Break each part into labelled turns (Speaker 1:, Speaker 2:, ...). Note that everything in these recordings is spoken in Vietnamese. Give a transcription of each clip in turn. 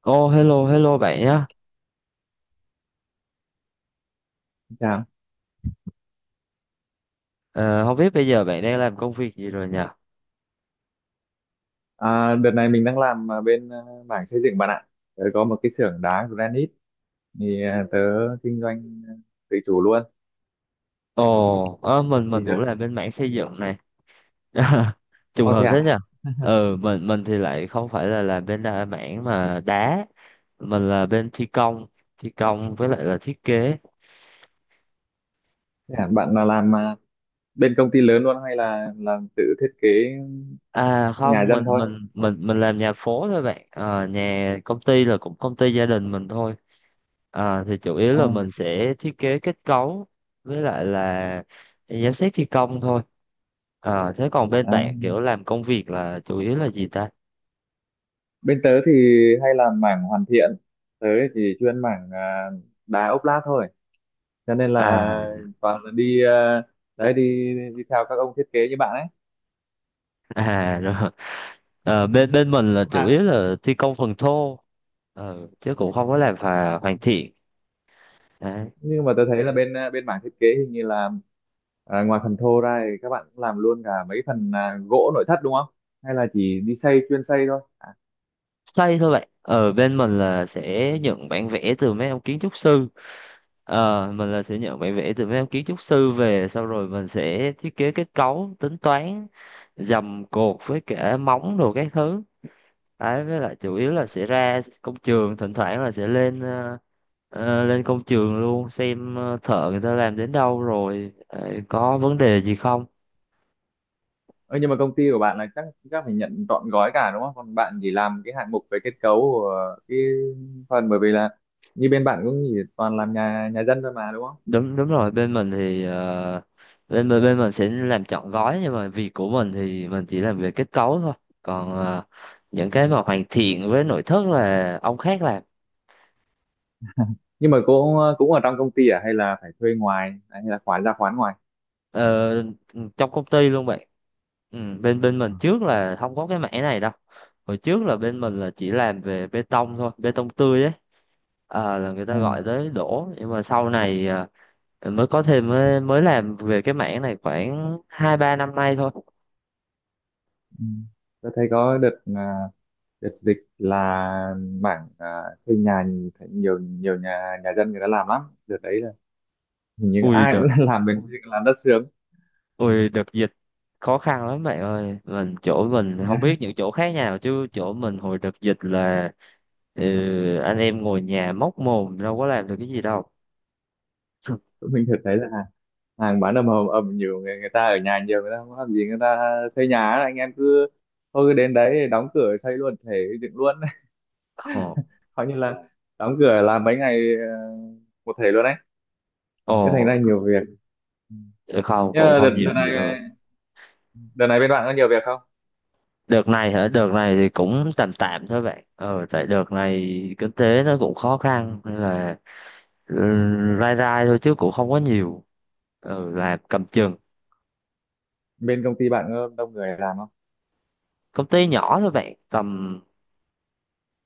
Speaker 1: Hello, hello bạn nhé.
Speaker 2: Chào.
Speaker 1: Ờ, Không biết bây giờ bạn đang làm công việc gì rồi nhỉ?
Speaker 2: Đợt này mình đang làm bên mảng xây dựng bạn ạ. Tớ có một cái xưởng đá granite tớ kinh doanh tự chủ luôn.
Speaker 1: Ồ, ờ,
Speaker 2: Thì
Speaker 1: mình cũng
Speaker 2: đợt...
Speaker 1: làm bên mảng xây dựng này. Trùng
Speaker 2: Ô thế
Speaker 1: hợp thế nhỉ?
Speaker 2: à?
Speaker 1: Mình thì lại không phải là làm bên mảng mà đá. Mình là bên thi công với lại là thiết kế.
Speaker 2: Thế à? Bạn là làm bên công ty lớn luôn hay là làm tự thiết kế
Speaker 1: À
Speaker 2: nhà
Speaker 1: không,
Speaker 2: dân
Speaker 1: mình
Speaker 2: thôi?
Speaker 1: mình mình mình làm nhà phố thôi bạn. Ờ, Nhà công ty là cũng công ty gia đình mình thôi. Thì chủ yếu
Speaker 2: À,
Speaker 1: là mình sẽ thiết kế kết cấu với lại là giám sát thi công thôi. Thế còn bên
Speaker 2: à.
Speaker 1: bạn kiểu làm công việc là chủ yếu là gì ta?
Speaker 2: Bên tớ thì hay làm mảng hoàn thiện. Tớ thì chuyên mảng đá ốp lát thôi. Cho nên là
Speaker 1: À.
Speaker 2: toàn là đi đấy đi đi theo các ông thiết kế như bạn ấy.
Speaker 1: À, rồi. Bên bên mình là
Speaker 2: Không
Speaker 1: chủ yếu
Speaker 2: à?
Speaker 1: là thi công phần thô. Chứ cũng không có làm hoàn thiện. Đấy.
Speaker 2: Nhưng mà tôi thấy là bên bên mảng thiết kế hình như là ngoài phần thô ra thì các bạn cũng làm luôn cả mấy phần gỗ nội thất đúng không, hay là chỉ đi xây chuyên xây thôi
Speaker 1: Xây thôi, vậy ở bên mình là sẽ nhận bản vẽ từ mấy ông kiến trúc sư. Mình là sẽ nhận bản vẽ từ mấy ông kiến trúc sư về sau rồi mình sẽ thiết kế kết cấu, tính toán dầm cột với cả móng đồ các thứ đấy. Với lại chủ yếu là sẽ ra công trường, thỉnh thoảng là sẽ lên lên công trường luôn xem thợ người ta làm đến đâu rồi, có vấn đề gì không.
Speaker 2: ừ, nhưng mà công ty của bạn là chắc chắc phải nhận trọn gói cả đúng không, còn bạn chỉ làm cái hạng mục về kết cấu của cái phần, bởi vì là như bên bạn cũng chỉ toàn làm nhà nhà dân thôi mà đúng không?
Speaker 1: Đúng, đúng rồi. Bên mình thì bên bên bên mình sẽ làm trọn gói nhưng mà việc của mình thì mình chỉ làm về kết cấu thôi. Còn những cái mà hoàn thiện với nội thất là ông khác làm.
Speaker 2: Nhưng mà cũng cũng ở trong công ty à hay là phải thuê ngoài hay là khoán ra khoán ngoài.
Speaker 1: Ờ, Trong công ty luôn bạn. Ừ, bên bên mình
Speaker 2: Ừ.
Speaker 1: trước là không có cái mảng này đâu. Hồi trước là bên mình là chỉ làm về bê tông thôi, bê tông tươi ấy. Là người
Speaker 2: À,
Speaker 1: ta gọi tới đổ, nhưng mà sau này mới có thêm, mới làm về cái mảng này khoảng hai ba năm nay thôi.
Speaker 2: ừ. Tôi thấy có đợt đợt dịch là mảng xây nhà thấy nhiều nhiều nhà nhà dân người ta làm lắm, đợt đấy là hình như
Speaker 1: Ui
Speaker 2: ai
Speaker 1: được.
Speaker 2: cũng làm bên làm đất sướng.
Speaker 1: Ui đợt dịch khó khăn lắm bạn ơi. Mình chỗ mình
Speaker 2: Thế
Speaker 1: không biết
Speaker 2: là
Speaker 1: những chỗ khác nào chứ chỗ mình hồi đợt dịch là, ừ, anh em ngồi nhà móc mồm, đâu có làm được cái gì đâu.
Speaker 2: tụi mình thật thấy là hàng hàng bán ầm ầm ầm, nhiều người người ta ở nhà, nhiều người ta không làm gì, người ta xây nhà ấy. Anh em cứ thôi cứ đến đấy đóng cửa xây luôn thể dựng luôn.
Speaker 1: Ồ.
Speaker 2: Coi như là đóng cửa làm mấy ngày một thể luôn đấy,
Speaker 1: Ồ.
Speaker 2: thế thành ra nhiều việc.
Speaker 1: Ờ, Không
Speaker 2: Nhưng
Speaker 1: cũng
Speaker 2: mà đợt,
Speaker 1: không nhiều
Speaker 2: đợt này,
Speaker 1: gì đâu bạn.
Speaker 2: đợt này bên bạn có nhiều việc không?
Speaker 1: Đợt này hả? Đợt này thì cũng tạm tạm thôi bạn, ờ tại đợt này kinh tế nó cũng khó khăn nên là, ừ, rai rai thôi chứ cũng không có nhiều, ờ là cầm chừng.
Speaker 2: Bên công ty bạn có đông người làm không?
Speaker 1: Công ty nhỏ thôi bạn, tầm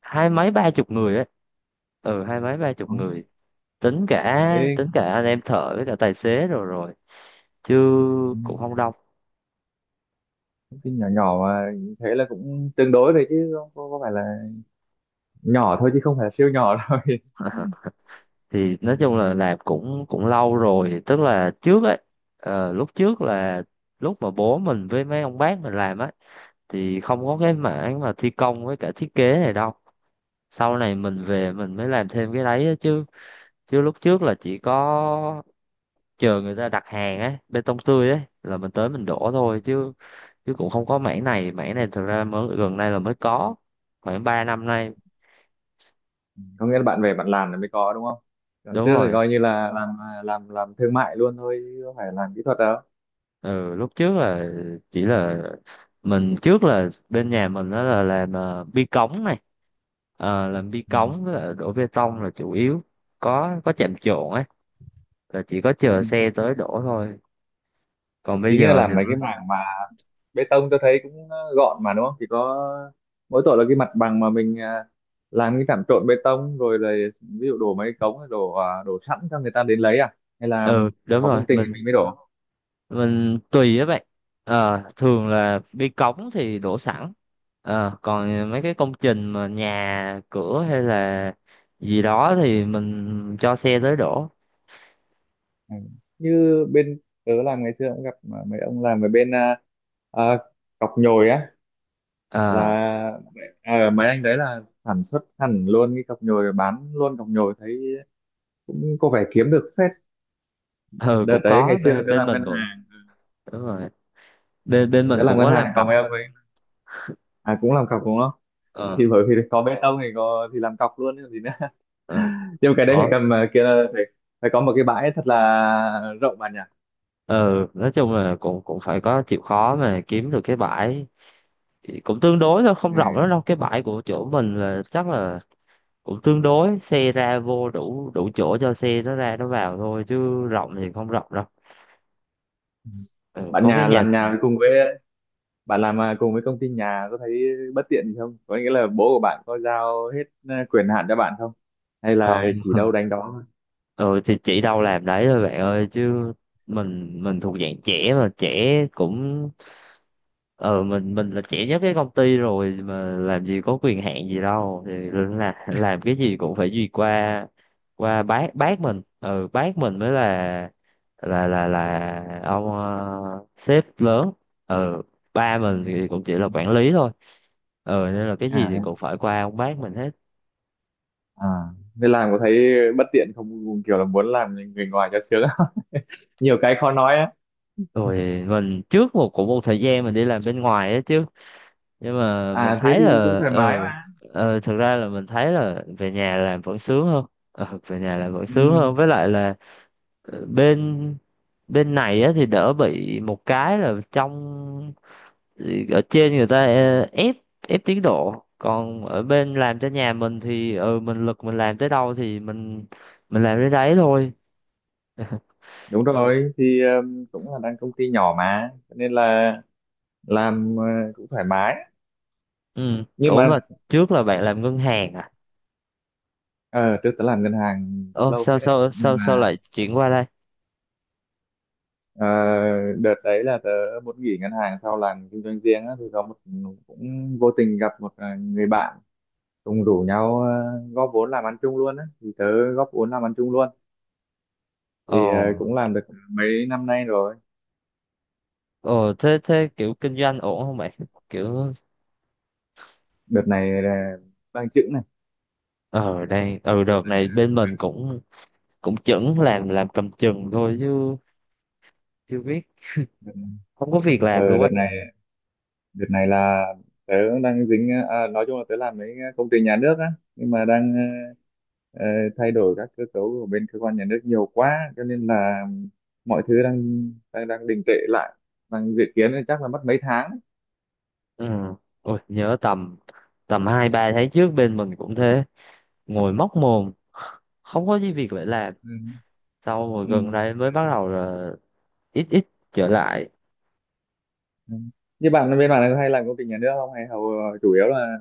Speaker 1: hai mấy ba chục người ấy. Ờ, hai mấy ba chục
Speaker 2: Có.
Speaker 1: người. Tính cả,
Speaker 2: Thế
Speaker 1: tính cả anh em thợ với cả tài xế rồi, rồi chứ
Speaker 2: ừ.
Speaker 1: cũng không đông.
Speaker 2: Cái nhỏ nhỏ mà, thế là cũng tương đối đấy chứ không có, có phải là nhỏ thôi chứ không phải là siêu nhỏ đâu.
Speaker 1: Thì nói chung là làm cũng cũng lâu rồi, tức là trước ấy, ờ lúc trước là lúc mà bố mình với mấy ông bác mình làm á thì không có cái mảng mà thi công với cả thiết kế này đâu. Sau này mình về mình mới làm thêm cái đấy á, chứ chứ lúc trước là chỉ có chờ người ta đặt hàng ấy, bê tông tươi ấy là mình tới mình đổ thôi. Chứ chứ cũng không có mảng này, mảng này thực ra mới gần đây là mới có, khoảng 3 năm nay.
Speaker 2: Có nghĩa là bạn về bạn làm là mới có đúng không, còn
Speaker 1: Đúng
Speaker 2: trước thì
Speaker 1: rồi.
Speaker 2: coi như là làm làm thương mại luôn thôi chứ không phải làm kỹ thuật đâu.
Speaker 1: Ừ lúc trước là chỉ là, mình trước là bên nhà mình đó là làm bi cống này. Ờ, làm bi
Speaker 2: Ừ.
Speaker 1: cống với lại đổ bê tông là chủ yếu, có chạm trộn ấy, là chỉ có chờ
Speaker 2: Ừ.
Speaker 1: xe tới đổ thôi. Còn bây
Speaker 2: Chính là
Speaker 1: giờ thì,
Speaker 2: làm mấy cái mảng mà bê tông tôi thấy cũng gọn mà đúng không, chỉ có mỗi tội là cái mặt bằng mà mình làm cái trạm trộn bê tông rồi là ví dụ đổ mấy cống đổ đổ sẵn cho người ta đến lấy à, hay là
Speaker 1: ừ đúng
Speaker 2: có
Speaker 1: rồi.
Speaker 2: công trình
Speaker 1: mình
Speaker 2: thì mình mới đổ.
Speaker 1: mình tùy á bạn. Ờ thường là đi cống thì đổ sẵn, ờ còn mấy cái công trình mà nhà cửa hay là gì đó thì mình cho xe tới đổ.
Speaker 2: Ừ. Như bên tớ làm ngày xưa cũng gặp mà mấy ông làm ở bên à, cọc nhồi á,
Speaker 1: Ờ.
Speaker 2: là mấy anh đấy là sản xuất hẳn luôn cái cọc nhồi rồi bán luôn cọc nhồi, thấy cũng có vẻ kiếm được phết.
Speaker 1: Ừ
Speaker 2: Đợt
Speaker 1: cũng
Speaker 2: đấy
Speaker 1: có,
Speaker 2: ngày xưa
Speaker 1: bên
Speaker 2: tớ
Speaker 1: bên
Speaker 2: làm
Speaker 1: mình
Speaker 2: ngân
Speaker 1: cũng,
Speaker 2: hàng,
Speaker 1: đúng rồi, bên bên
Speaker 2: tớ
Speaker 1: mình
Speaker 2: làm
Speaker 1: cũng
Speaker 2: ngân
Speaker 1: có làm
Speaker 2: hàng còn
Speaker 1: cọc.
Speaker 2: mấy ông ấy à cũng làm cọc đúng không,
Speaker 1: Ờ.
Speaker 2: thì bởi vì có bê tông thì có thì làm cọc luôn chứ còn gì nữa.
Speaker 1: Ờ.
Speaker 2: Nhưng mà cái đấy phải cầm kia là phải phải có một cái bãi thật là rộng bạn nhỉ.
Speaker 1: Ừ nói chung là cũng cũng phải có chịu khó mà kiếm được cái bãi. Cũng tương đối thôi,
Speaker 2: Ừ.
Speaker 1: không rộng lắm đâu, cái bãi của chỗ mình là chắc là cũng tương đối, xe ra vô đủ, đủ chỗ cho xe nó ra nó vào thôi chứ rộng thì không rộng đâu. Ừ,
Speaker 2: Bạn
Speaker 1: có cái
Speaker 2: nhà
Speaker 1: nhà
Speaker 2: làm
Speaker 1: s-.
Speaker 2: nhà cùng với bạn làm cùng với công ty nhà có thấy bất tiện gì không, có nghĩa là bố của bạn có giao hết quyền hạn cho bạn không hay là
Speaker 1: Không.
Speaker 2: chỉ đâu đánh đó thôi.
Speaker 1: Ừ thì chỉ đâu làm đấy thôi bạn ơi, chứ mình thuộc dạng trẻ mà, trẻ cũng, ờ mình là trẻ nhất cái công ty rồi mà làm gì có quyền hạn gì đâu, thì là làm cái gì cũng phải duyệt qua, qua bác mình. Ừ bác mình mới là, là ông, sếp lớn. Ừ, ba
Speaker 2: Ừ.
Speaker 1: mình thì cũng chỉ
Speaker 2: Ừ.
Speaker 1: là quản lý thôi. Ừ nên là cái gì
Speaker 2: à
Speaker 1: thì
Speaker 2: thế
Speaker 1: cũng phải qua ông bác mình hết.
Speaker 2: à, thế làm có thấy bất tiện không, kiểu là muốn làm người ngoài cho sướng không? Nhiều cái khó nói á.
Speaker 1: Rồi mình trước một cũng một thời gian mình đi làm bên ngoài á chứ, nhưng mà mình
Speaker 2: À thế
Speaker 1: thấy
Speaker 2: thì cũng
Speaker 1: là
Speaker 2: thoải mái
Speaker 1: ừ,
Speaker 2: mà,
Speaker 1: ừ thực ra là mình thấy là về nhà làm vẫn sướng hơn. Ừ, về nhà làm vẫn
Speaker 2: ừ,
Speaker 1: sướng hơn, với lại là bên bên này á thì đỡ bị một cái là trong, ở trên người ta ép, ép tiến độ. Còn ở bên làm cho nhà mình thì ừ, mình lực mình làm tới đâu thì mình làm tới đấy thôi.
Speaker 2: đúng rồi thì cũng là đang công ty nhỏ mà cho nên là làm cũng thoải mái,
Speaker 1: Ừ,
Speaker 2: nhưng
Speaker 1: ủa
Speaker 2: mà
Speaker 1: mà trước là bạn làm ngân hàng à?
Speaker 2: ờ trước tớ làm ngân hàng
Speaker 1: Ồ,
Speaker 2: lâu
Speaker 1: sao
Speaker 2: phết đấy
Speaker 1: sao
Speaker 2: nhưng
Speaker 1: sao sao
Speaker 2: mà.
Speaker 1: lại chuyển qua đây?
Speaker 2: Ờ, đợt đấy là tớ muốn nghỉ ngân hàng sau làm kinh doanh riêng á, thì có một cũng vô tình gặp một người bạn cùng rủ nhau góp vốn làm ăn chung luôn á, thì tớ góp vốn làm ăn chung luôn.
Speaker 1: Ồ.
Speaker 2: Thì cũng làm được mấy năm nay rồi.
Speaker 1: Ờ thế thế kiểu kinh doanh ổn không bạn? Kiểu,
Speaker 2: Đợt này là đang chững này,
Speaker 1: ờ đây, ờ
Speaker 2: đợt
Speaker 1: đợt
Speaker 2: này
Speaker 1: này bên mình cũng cũng chững, làm cầm chừng thôi chứ chưa biết,
Speaker 2: đợt này,
Speaker 1: không có việc làm
Speaker 2: ờ,
Speaker 1: luôn
Speaker 2: đợt
Speaker 1: ấy.
Speaker 2: này đợt này là tớ đang dính nói chung là tớ làm mấy công ty nhà nước á, nhưng mà đang ờ, ờ, thay đổi các cơ cấu của bên cơ quan nhà nước nhiều quá cho nên là mọi thứ đang đang đang đình trệ lại, đang dự kiến là chắc là mất mấy tháng.
Speaker 1: Ừ. Ôi nhớ tầm, tầm hai ba tháng trước bên mình cũng thế, ngồi móc mồm không có gì việc để làm.
Speaker 2: Ừ.
Speaker 1: Sau rồi
Speaker 2: Ừ.
Speaker 1: gần đây mới bắt đầu là ít ít trở lại.
Speaker 2: Ừ. Như bạn bên bạn là hay làm công ty nhà nước không hay hầu chủ yếu là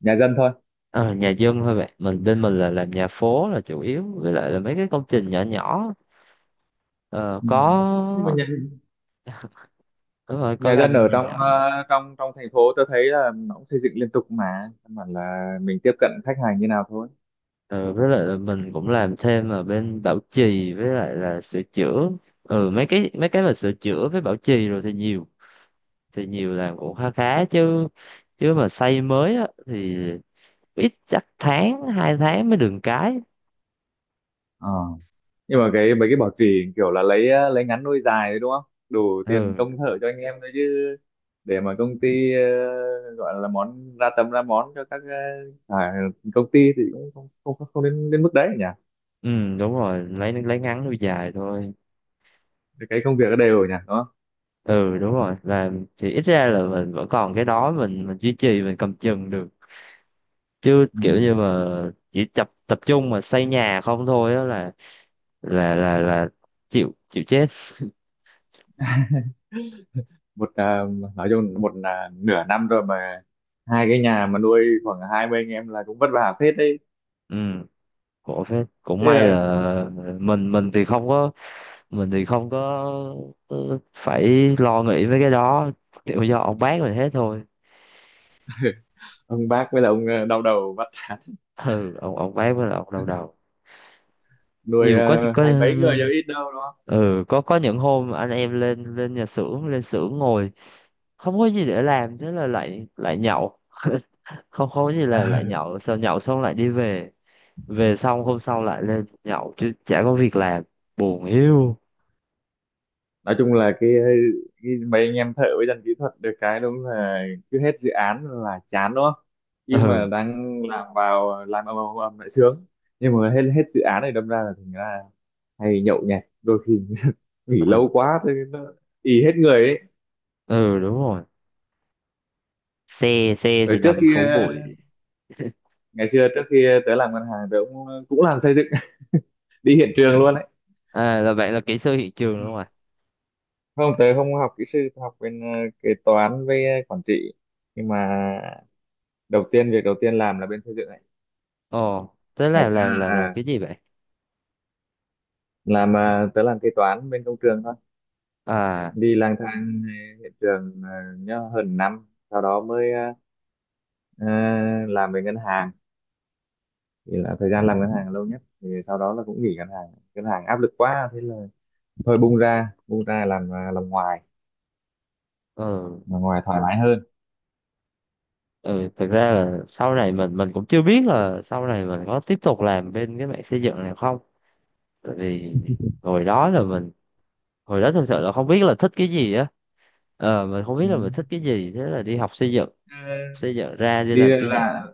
Speaker 2: nhà dân thôi.
Speaker 1: Ờ, nhà dân thôi bạn. Mình bên mình là làm nhà phố là chủ yếu với lại là mấy cái công trình nhỏ nhỏ. Ờ,
Speaker 2: Ừ.
Speaker 1: có,
Speaker 2: Nhưng mà nhà
Speaker 1: đúng rồi, có
Speaker 2: nhà dân
Speaker 1: làm.
Speaker 2: ở trong ờ, trong trong thành phố tôi thấy là nó cũng xây dựng liên tục mà căn bản là mình tiếp cận khách hàng như nào thôi.
Speaker 1: Ừ, với lại là mình cũng làm thêm ở bên bảo trì với lại là sửa chữa. Ừ, mấy cái mà sửa chữa với bảo trì rồi thì nhiều, thì nhiều làm cũng khá khá chứ. Chứ mà xây mới á thì ít, chắc tháng hai tháng mới được cái.
Speaker 2: Ờ. Nhưng mà cái mấy cái bảo trì kiểu là lấy lấy ngắn nuôi dài đấy đúng không, đủ tiền công
Speaker 1: Ừ.
Speaker 2: thợ cho anh em thôi chứ để mà công ty gọi là món ra tầm ra món cho các ờ, à, công ty thì cũng không không không đến đến mức đấy nhỉ.
Speaker 1: Ừ đúng rồi, lấy ngắn nuôi dài thôi.
Speaker 2: Cái công việc nó đều nhỉ đúng không.
Speaker 1: Ừ đúng rồi, làm thì ít ra là mình vẫn còn cái đó, mình duy trì, mình cầm chừng được. Chứ
Speaker 2: Ừ.
Speaker 1: kiểu như mà chỉ tập tập trung mà xây nhà không thôi á là, là chịu, chịu chết.
Speaker 2: Một nói chung một là nửa năm rồi mà hai cái nhà mà nuôi khoảng 20 anh em là cũng vất vả phết đấy.
Speaker 1: Ừ, khổ phết. Cũng
Speaker 2: Thế
Speaker 1: may
Speaker 2: là
Speaker 1: là mình, mình thì không có phải lo nghĩ mấy cái đó, kiểu do ông bác mình hết thôi.
Speaker 2: ông bác với là ông đau đầu vắt chán.
Speaker 1: Ừ, ông bác với là ông đau đầu
Speaker 2: Nuôi
Speaker 1: nhiều. có có
Speaker 2: hai mấy người chứ ít đâu đúng
Speaker 1: ừ có những hôm anh em lên, lên nhà xưởng, lên xưởng ngồi không có gì để làm, thế là lại lại nhậu. Không, không có gì là lại
Speaker 2: không.
Speaker 1: nhậu, sau nhậu xong lại đi về. Về xong hôm sau lại lên nhậu chứ chả có việc làm. Buồn hiu.
Speaker 2: Nói chung là cái mấy anh em thợ với dân kỹ thuật được cái đúng là cứ hết dự án là chán đúng không,
Speaker 1: Ừ.
Speaker 2: nhưng mà đang làm vào làm ầm ầm ầm lại sướng, nhưng mà hết hết dự án này đâm ra là thành ra hay nhậu nhẹt đôi khi. Nghỉ
Speaker 1: Ừ.
Speaker 2: lâu quá thì nó ì hết người ấy.
Speaker 1: Ừ đúng rồi, xe xe
Speaker 2: Ở
Speaker 1: thì
Speaker 2: trước
Speaker 1: nằm
Speaker 2: khi
Speaker 1: phố bụi.
Speaker 2: ngày xưa trước khi tớ làm ngân hàng tớ cũng cũng làm xây dựng đi hiện trường luôn ấy.
Speaker 1: À là vậy, là kỹ sư hiện trường
Speaker 2: Ừ.
Speaker 1: đúng không ạ?
Speaker 2: Không tớ không học kỹ sư, tớ học bên kế toán với quản trị, nhưng mà đầu tiên việc đầu tiên làm là bên xây dựng này.
Speaker 1: Ồ thế
Speaker 2: Ngày
Speaker 1: là là
Speaker 2: xưa
Speaker 1: là là
Speaker 2: à,
Speaker 1: cái gì vậy?
Speaker 2: làm tớ làm kế toán bên công trường thôi,
Speaker 1: À.
Speaker 2: đi lang thang hiện trường nhớ hơn năm sau đó mới ờ, làm về ngân hàng. Thì là thời gian làm ngân hàng là lâu nhất, thì sau đó là cũng nghỉ ngân hàng, ngân hàng áp lực quá thế là thôi bung ra làm làm ngoài,
Speaker 1: Ừ.
Speaker 2: làm ngoài thoải mái hơn.
Speaker 1: Ừ thực ra là sau này mình cũng chưa biết là sau này mình có tiếp tục làm bên cái mạng xây dựng này không. Tại vì hồi đó là mình, hồi đó thực sự là không biết là thích cái gì á. Ờ mình không biết
Speaker 2: Ừ.
Speaker 1: là mình thích cái gì, thế là đi học xây dựng.
Speaker 2: Ờ,
Speaker 1: Xây dựng ra đi
Speaker 2: đi
Speaker 1: làm xây dựng.
Speaker 2: là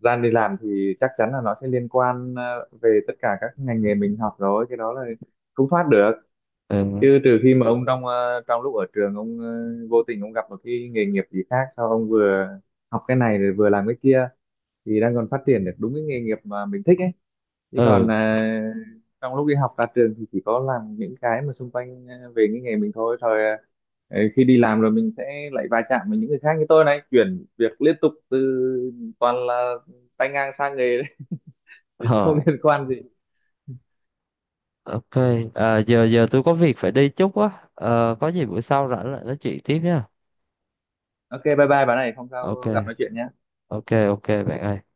Speaker 2: gian đi làm thì chắc chắn là nó sẽ liên quan về tất cả các ngành nghề mình học rồi, cái đó là không thoát được,
Speaker 1: Ừ.
Speaker 2: chứ trừ khi mà ông trong trong lúc ở trường ông vô tình ông gặp một cái nghề nghiệp gì khác sao ông vừa học cái này rồi vừa làm cái kia thì đang còn phát triển được đúng cái nghề nghiệp mà mình thích ấy, chứ còn
Speaker 1: Ừ.
Speaker 2: trong lúc đi học ra trường thì chỉ có làm những cái mà xung quanh về cái nghề mình thôi rồi khi đi làm rồi mình sẽ lại va chạm với những người khác, như tôi này chuyển việc liên tục, từ toàn là tay ngang sang nghề đấy, không
Speaker 1: Ờ
Speaker 2: liên quan gì.
Speaker 1: ok. À, giờ giờ tôi có việc phải đi chút á. Ờ có gì bữa sau rảnh lại nói chuyện tiếp nha.
Speaker 2: Ok bye bye bạn này, không sao gặp
Speaker 1: Ok,
Speaker 2: nói chuyện nhé.
Speaker 1: ok, ok bạn ơi.